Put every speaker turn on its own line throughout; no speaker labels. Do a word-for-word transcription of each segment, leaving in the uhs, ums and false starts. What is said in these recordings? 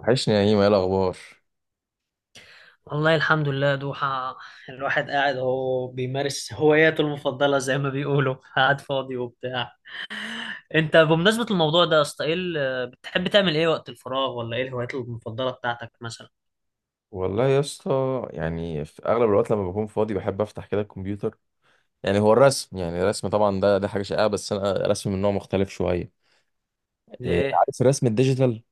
وحشني يا هيما ايه الاخبار؟
والله الحمد لله دوحة. الواحد قاعد هو بيمارس هواياته المفضلة زي ما بيقولوا، قاعد فاضي وبتاع. انت بمناسبة الموضوع ده يا اسطى، ايه ال- بتحب تعمل ايه وقت الفراغ، ولا ايه الهوايات المفضلة بتاعتك مثلا؟
والله يا اسطى، يعني في اغلب الوقت لما بكون فاضي بحب افتح كده الكمبيوتر. يعني هو الرسم، يعني الرسم طبعا ده ده حاجه شائعه، بس انا رسم من نوع مختلف شويه. إيه،
ليه؟
عارف الرسم الديجيتال؟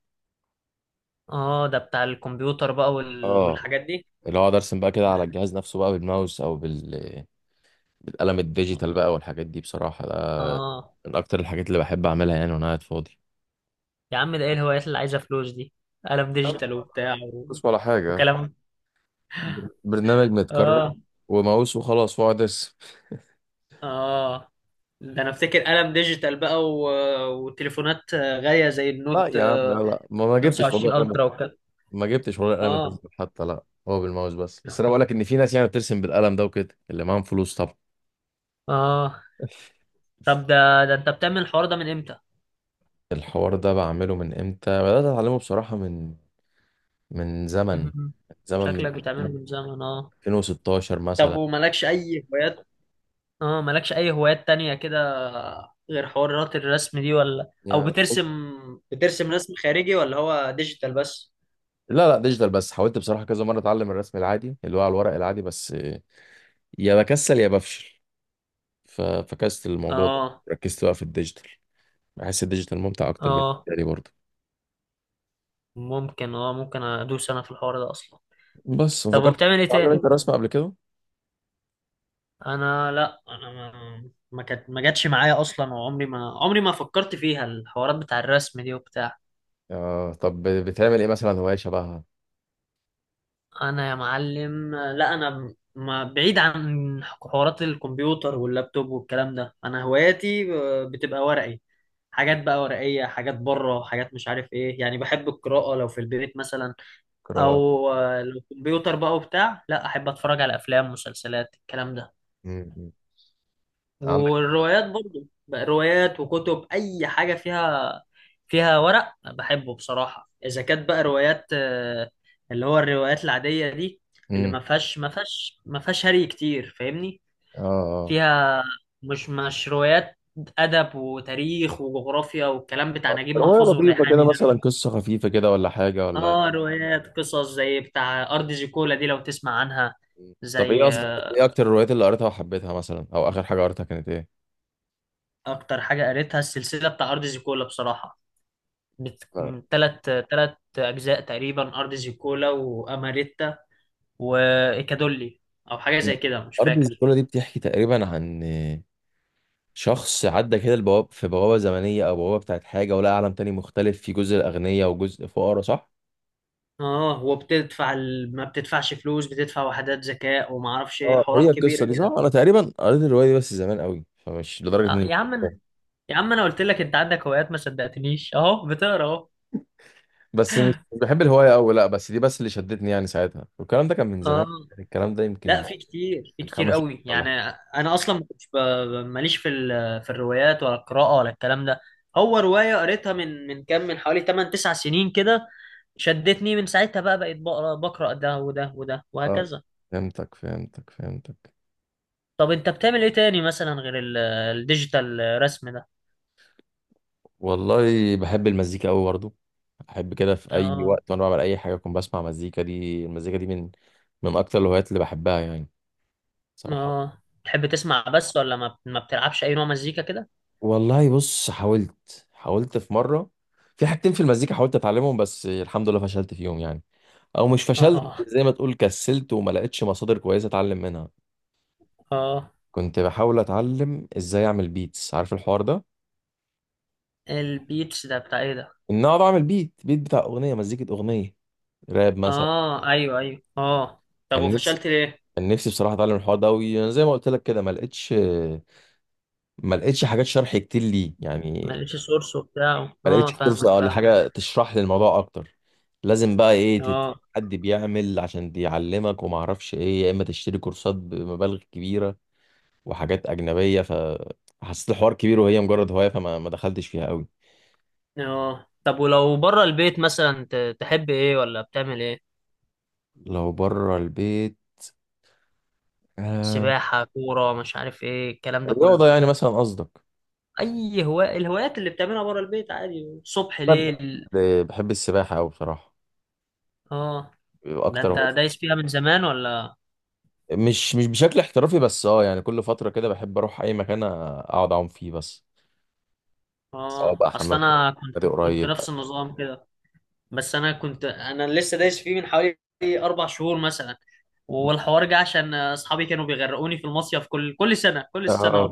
اه، ده بتاع الكمبيوتر بقى وال...
اه،
والحاجات دي.
اللي هو اقعد ارسم بقى كده على الجهاز نفسه بقى بالماوس او بال... بالقلم الديجيتال بقى والحاجات دي. بصراحه ده
اه
من اكتر الحاجات اللي بحب اعملها يعني وانا قاعد فاضي.
يا عم، ده ايه الهوايات اللي عايزة فلوس دي؟ قلم
أنا
ديجيتال
ما
وبتاع و...
بحفظش ولا حاجه.
وكلام.
بر- برنامج متكرر
اه
وماوس وخلاص واقعد ارسم.
اه، ده انا افتكر قلم ديجيتال بقى و... وتليفونات غالية زي
لا
النوت
يا عم، لا
آه،
لا، ما ما جبتش والله.
خمس وعشرين الترا وكده.
ما جبتش ولا القلم
اه
الديجيتال حتى، لا هو بالماوس بس بس، انا بقول لك ان في ناس يعني بترسم بالقلم ده وكده، اللي معاهم فلوس طبعا.
اه، طب ده ده انت بتعمل الحوار ده من امتى؟
الحوار ده بعمله من امتى؟ بدات اتعلمه بصراحه من، من زمن،
مهم.
زمن، من
شكلك بتعمله من زمن، اه.
ألفين وستاشر
طب
مثلا
ومالكش اي هوايات؟ اه، مالكش اي هوايات تانية كده غير حوارات الرسم دي؟ ولا او
يعني.
بترسم بترسم رسم خارجي ولا هو ديجيتال بس؟
لا لا، ديجيتال بس. حاولت بصراحه كذا مره اتعلم الرسم العادي اللي هو على الورق العادي، بس يا بكسل يا بفشل، ففكست الموضوع ده.
اه
ركزت بقى في الديجيتال، بحس الديجيتال ممتع اكتر
اه،
بالنسبه لي برضه.
ممكن، اه ممكن ادوس انا في الحوار ده اصلا.
بس
طب
فكرت،
وبتعمل ايه
تتعلم
تاني؟
انت رسم قبل كده؟
انا لا، انا ما ما كانت ما جاتش معايا اصلا، وعمري ما عمري ما فكرت فيها الحوارات بتاع الرسم دي وبتاع.
اه، طب بتعمل ايه مثلا، هواية شبهها؟
انا يا معلم لا، انا ب- ما بعيد عن حوارات الكمبيوتر واللابتوب والكلام ده. انا هواياتي آه، بتبقى ورقي، حاجات بقى ورقية، حاجات بره، حاجات مش عارف ايه. يعني بحب القراءة لو في البيت مثلا،
قراءة.
او آه، لو كمبيوتر بقى وبتاع، لا، احب اتفرج على افلام مسلسلات الكلام ده.
مم. مم. عندك.
والروايات برضو بقى، روايات وكتب اي حاجه فيها فيها ورق بحبه بصراحه. اذا كانت بقى روايات، آه، اللي هو الروايات العاديه دي، اللي
مم.
ما فيهاش ما فيهاش ما فيهاش هري كتير، فاهمني؟
اه اه.
فيها مش مش روايات ادب وتاريخ وجغرافيا والكلام بتاع نجيب
رواية
محفوظ
لطيفة كده
والريحاني ده.
مثلا، قصة خفيفة كده، ولا حاجة ولا؟
اه، روايات قصص زي بتاع ارض زيكولا دي، لو تسمع عنها.
مم. طب ايه
زي
اصلا،
آه،
ايه اكتر الروايات اللي قريتها وحبيتها مثلا، او اخر حاجة قريتها كانت ايه؟
اكتر حاجه قريتها السلسله بتاع ارض زيكولا بصراحه. بت...
آه.
تلات تلات أجزاء تقريبا، أرض زيكولا وأماريتا وإيكادولي، أو حاجة زي كده، مش
أرض
فاكر.
الزيكولا دي بتحكي تقريبا عن شخص عدى كده البواب في بوابة زمنية أو بوابة بتاعت حاجة، ولقى عالم تاني مختلف، في جزء الأغنياء وجزء فقراء، صح؟
اه وبتدفع ال... ما بتدفعش فلوس، بتدفع وحدات ذكاء وما اعرفش ايه،
اه، هي
حوارات كبيره
القصة دي
كده.
صح؟ أنا تقريبا قريت الرواية دي بس زمان قوي، فمش لدرجة
آه
إني،
يا عم، أنا- يا عم انا قلت لك انت عندك هوايات ما صدقتنيش، اهو بتقرا اهو.
بس مش مش بحب الهواية أوي، لأ، بس دي بس اللي شدتني يعني ساعتها، والكلام ده كان من زمان
اه،
يعني، الكلام ده
لا،
يمكن
في كتير، في
من
كتير
خمس سنين
قوي
ولا
يعني.
حاجة.
انا اصلا ما كنتش ب- ب- ماليش في ال- في الروايات ولا القراءه ولا الكلام ده. هو روايه قريتها من من كام، من حوالي تمن تسعة سنين كده، شدتني من ساعتها بقى، بقيت بقرا بقرا ده وده وده
آه،
وهكذا.
فهمتك فهمتك فهمتك.
طب انت بتعمل ايه تاني مثلا غير ال- الديجيتال رسم ده؟
والله بحب المزيكا أوي برضه، أحب كده في أي
اه
وقت وأنا بعمل أي حاجة أكون بسمع مزيكا. دي المزيكا دي من من أكتر الهوايات اللي بحبها يعني، صراحة.
اه، تحب تسمع بس ولا ما ما بتلعبش اي نوع مزيكا كده؟
والله بص، حاولت، حاولت في مرة، في حاجتين في المزيكا حاولت أتعلمهم، بس الحمد لله فشلت فيهم يعني، أو مش فشلت،
اه
زي ما تقول كسلت وما لقيتش مصادر كويسة أتعلم منها.
اه،
كنت بحاول اتعلم ازاي اعمل بيتس، عارف الحوار ده؟
البيتس ده بتاع ايه ده؟
ان اقعد اعمل بيت، بيت بتاع اغنيه، مزيكه، اغنيه راب مثلا.
اه ايوه ايوه اه، طب
كان نفسي،
وفشلت ليه؟
كان نفسي بصراحه اتعلم الحوار ده قوي، انا زي ما قلت لك كده ما لقيتش، ما لقيتش حاجات شرح كتير ليه
ما
يعني.
لقيتش سورس وبتاع،
ما
اه،
لقيتش فرصه
فاهمك
ولا
فاهمك.
حاجه تشرح لي الموضوع اكتر. لازم بقى ايه، تت-
اه
حد بيعمل عشان بيعلمك وما اعرفش ايه، يا اما تشتري كورسات بمبالغ كبيره وحاجات اجنبيه، ف حسيت الحوار كبير وهي مجرد هوايه، فما ما دخلتش فيها قوي.
اه، طب ولو بره البيت مثلا، ت- تحب ايه ولا بتعمل ايه؟
لو بره البيت، آه،
سباحة، كورة، مش عارف ايه الكلام ده
الرياضة
كله.
يعني مثلا قصدك؟
اي هواء الهوايات اللي بتعملها بره البيت عادي، صبح
طب،
ليل؟
آه، بحب السباحة أوي بصراحة،
اه، ده
أكتر
انت
واحد.
دايس فيها من زمان ولا؟
مش مش بشكل احترافي، بس أه يعني كل فترة كده بحب أروح أي مكان أقعد أعوم فيه بس، سواء
اه
بقى
اصل
حمام سباحة،
انا
نادي
كنت كنت
قريب.
نفس النظام كده. بس انا كنت انا لسه دايس فيه من حوالي اربع شهور مثلا. والحوار جه عشان اصحابي كانوا بيغرقوني في المصيف كل كل سنه كل سنه.
آه.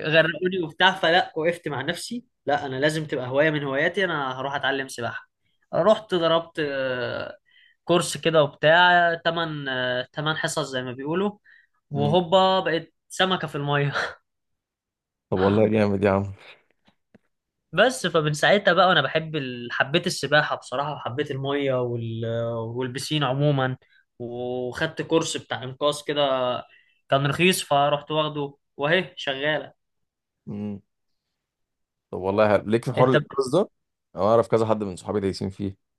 غرقوني وبتاع، فلا وقفت مع نفسي، لا، انا لازم تبقى هوايه من هواياتي، انا هروح اتعلم سباحه. رحت ضربت آه، كورس كده وبتاع، تمن آه، تمن حصص زي ما بيقولوا،
مم.
وهوبا بقيت سمكه في الميه.
طب والله جامد يا عم.
بس فمن ساعتها بقى، وانا بحب ال... حبيت السباحه بصراحه، وحبيت الميه وال... والبسين عموما، وخدت كورس بتاع انقاذ كده، كان رخيص، فرحت واخده واهي شغاله.
مم. طب والله حلو. ليك في حوار
انت؟
الإنقاذ ده؟ أنا أعرف كذا حد من صحابي دايسين فيه.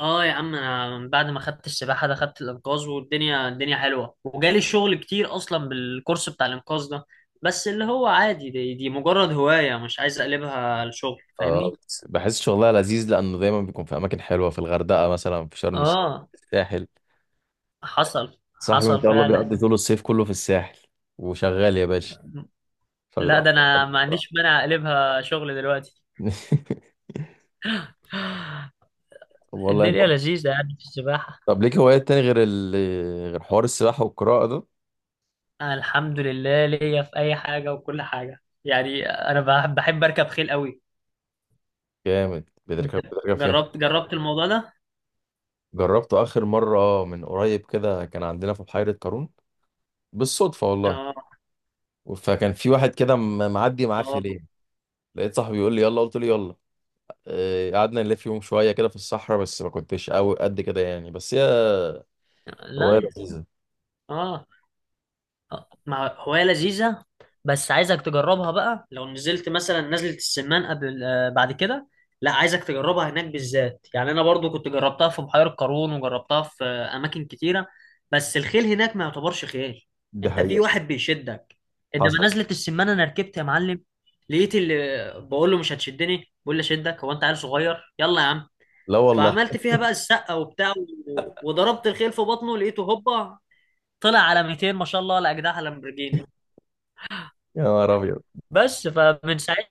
اه يا عم، انا من بعد ما خدت السباحه ده خدت الانقاذ، والدنيا الدنيا حلوه، وجالي شغل كتير اصلا بالكورس بتاع الانقاذ ده، بس اللي هو عادي، دي, دي مجرد هوايه، مش عايز اقلبها لشغل، فاهمني؟
أه، بس بحس شغلها لذيذ لأنه دايما بيكون في أماكن حلوة، في الغردقة مثلا، في شرم الشيخ،
اه
في الساحل.
حصل
صاحبي ما
حصل
شاء الله
فعلا.
بيقضي طول الصيف كله في الساحل وشغال يا باشا،
لا،
فبيبقى
ده
أحسن
انا
حد.
ما عنديش مانع اقلبها شغل دلوقتي.
طب والله.
الدنيا لذيذه يعني في السباحه.
طب ليك هوايات تاني غير ال... غير حوار السباحة والقراءة ده؟
الحمد لله، ليا في اي حاجه وكل حاجه يعني، انا بحب بحب اركب خيل قوي.
جامد،
انت
بتركب، بتركب فين؟
جربت جربت الموضوع ده؟
جربته آخر مرة من قريب كده، كان عندنا في بحيرة قارون بالصدفة والله،
اه.
فكان في واحد كده م- معدي معاه
آه.
خلية، لقيت صاحبي بيقول لي يلا، قلت له يلا، آه، قعدنا نلف يوم شوية كده في الصحراء، بس ما كنتش قوي قد كده يعني، بس هي هواية
لا.
لذيذة.
اه، آه، مع هواية لذيذة. بس عايزك تجربها بقى، لو نزلت مثلا نزلة السمان، قبل آه، بعد كده. لا، عايزك تجربها هناك بالذات، يعني انا برضو كنت جربتها في بحيرة قارون، وجربتها في آه، اماكن كتيرة، بس الخيل هناك ما يعتبرش خيل،
دي
انت في
حقيقة.
واحد بيشدك.
حصل.
انما نزلة السمان انا ركبت يا معلم، لقيت اللي بقول له مش هتشدني بقول لي اشدك، هو انت عيل صغير، يلا يا عم.
لا والله.
فعملت فيها بقى السقه وبتاع، و- وضربت الخيل في بطنه، لقيته هوبا طلع على ميتين، ما شاء الله، ولا اجنحه لامبرجيني.
يا نهار أبيض.
بس فمن ساعتها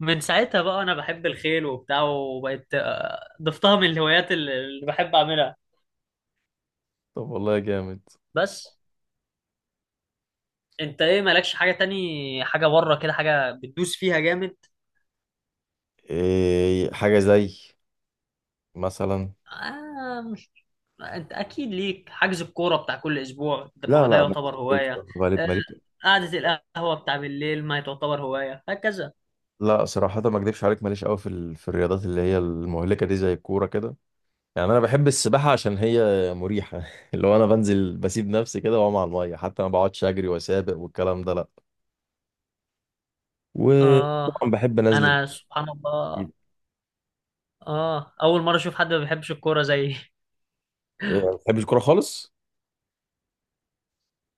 من ساعتها بقى انا بحب الخيل وبتاع، وبقيت آه، ضفتها من الهوايات اللي اللي بحب اعملها.
طب والله جامد.
بس انت ايه، مالكش حاجه تاني، حاجه بره كده، حاجه بتدوس فيها جامد؟
إيه، حاجة زي مثلا؟
آه مش انت اكيد ليك حجز الكوره بتاع كل اسبوع ده- ما هو
لا
ده
لا، انا كنت
يعتبر هوايه.
بتكلم في غالب
آه،
مالي.
قعده القهوه بتاع بالليل ما تعتبر هوايه هكذا.
لا صراحه ما اكدبش عليك، ماليش قوي في ال... في الرياضات اللي هي المهلكه دي زي الكوره كده. يعني انا بحب السباحه عشان هي مريحه اللي هو انا بنزل بسيب نفسي كده واقوم على الميه، حتى ما بقعدش اجري واسابق والكلام ده، لا.
اه
وطبعا بحب انزل.
انا سبحان الله، اه اول مره اشوف حد ما بيحبش الكوره زيي.
ما بحبش الكوره خالص.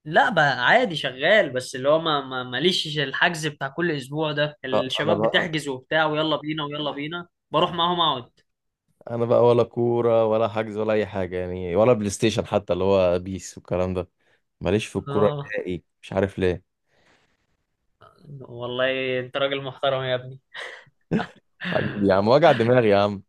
لا بقى عادي شغال، بس اللي هو ما ما- ماليش الحجز بتاع كل اسبوع ده،
لا انا
الشباب
بقى
بتحجز وبتاع ويلا بينا ويلا بينا بروح معاهم اقعد.
انا بقى ولا كوره ولا حجز ولا اي حاجه يعني، ولا بلاي ستيشن حتى اللي هو بيس والكلام ده. ماليش في الكوره
اه،
نهائي، مش عارف ليه.
والله انت راجل محترم يا ابني.
حبيبي يا عم، وجع دماغي يا عم.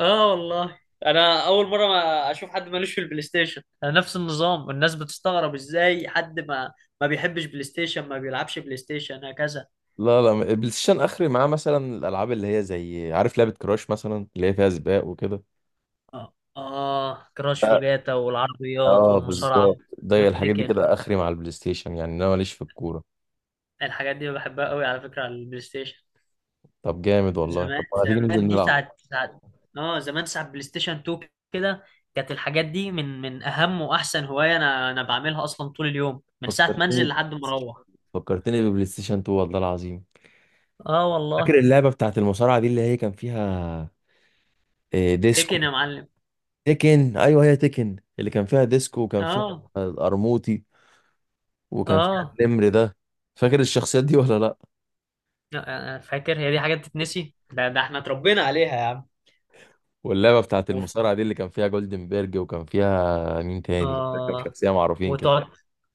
اه والله، انا اول مره ما اشوف حد مالوش في البلاي ستيشن، انا نفس النظام، الناس بتستغرب ازاي حد ما ما بيحبش بلاي ستيشن، ما بيلعبش بلاي ستيشن هكذا.
لا لا، البلاي ستيشن اخري معاه، مثلا الالعاب اللي هي زي عارف لعبه كراش مثلا اللي هي فيها سباق وكده.
اه اه، كراش
لا،
وجاتا والعربيات
اه
والمصارعه
بالظبط، ده الحاجات دي
والتيكن،
كده اخري مع البلاي ستيشن، يعني انا ماليش في الكوره.
الحاجات دي بحبها قوي على فكره على البلاي ستيشن.
طب جامد والله، طب
زمان
ما تيجي ننزل
زمان، دي
نلعب؟
ساعة ساعة. اه، زمان ساعة بلاي ستيشن اتنين كده، كانت الحاجات دي من من أهم وأحسن هواية، أنا أنا بعملها أصلا طول اليوم، من ساعة ما أنزل
فكرتني،
لحد ما أروح.
فكرتني ببلاي ستيشن اتنين والله العظيم.
اه
فاكر
والله.
اللعبه بتاعت المصارعه دي اللي هي كان فيها، آه، ديسكو؟
تكن يا معلم.
تيكن، ايوه هي تيكن، اللي كان فيها ديسكو وكان فيها
اه
القرموطي وكان فيها
اه،
النمر ده، فاكر الشخصيات دي ولا لا؟
لا، أنا فاكر، هي دي حاجة بتتنسي؟ ده ده احنا اتربينا عليها يا عم.
واللعبه بتاعت
وف...
المصارعه دي اللي كان فيها جولدنبرج وكان فيها مين تاني، كان فيها كام
اه،
شخصيه معروفين كده.
وتقعد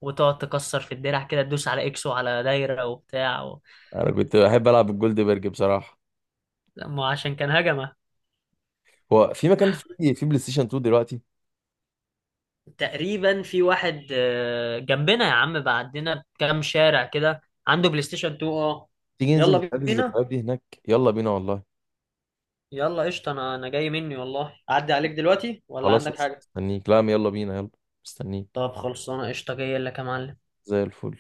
وتقعد تكسر في الدرع كده، تدوس على اكس وعلى دايرة وبتاع و...
انا كنت بحب العب الجولدنبرج بصراحه.
لا، ما هو عشان كان هجمة.
هو في مكان في في بلاي ستيشن اتنين دلوقتي؟
تقريبا في واحد آه، جنبنا يا عم، بعدنا بكام شارع كده عنده بلاي ستيشن اتنين، اه.
تيجي ننزل
يلا
نتقابل
بينا،
الذكريات دي هناك؟ يلا بينا والله.
يلا قشطة، انا انا جاي مني والله، اعدي عليك دلوقتي ولا
خلاص،
عندك حاجة؟
مستنيك، لا يلا بينا، يلا، مستنيك.
طب خلصانة، قشطة، جاي لك يا معلم.
زي الفل.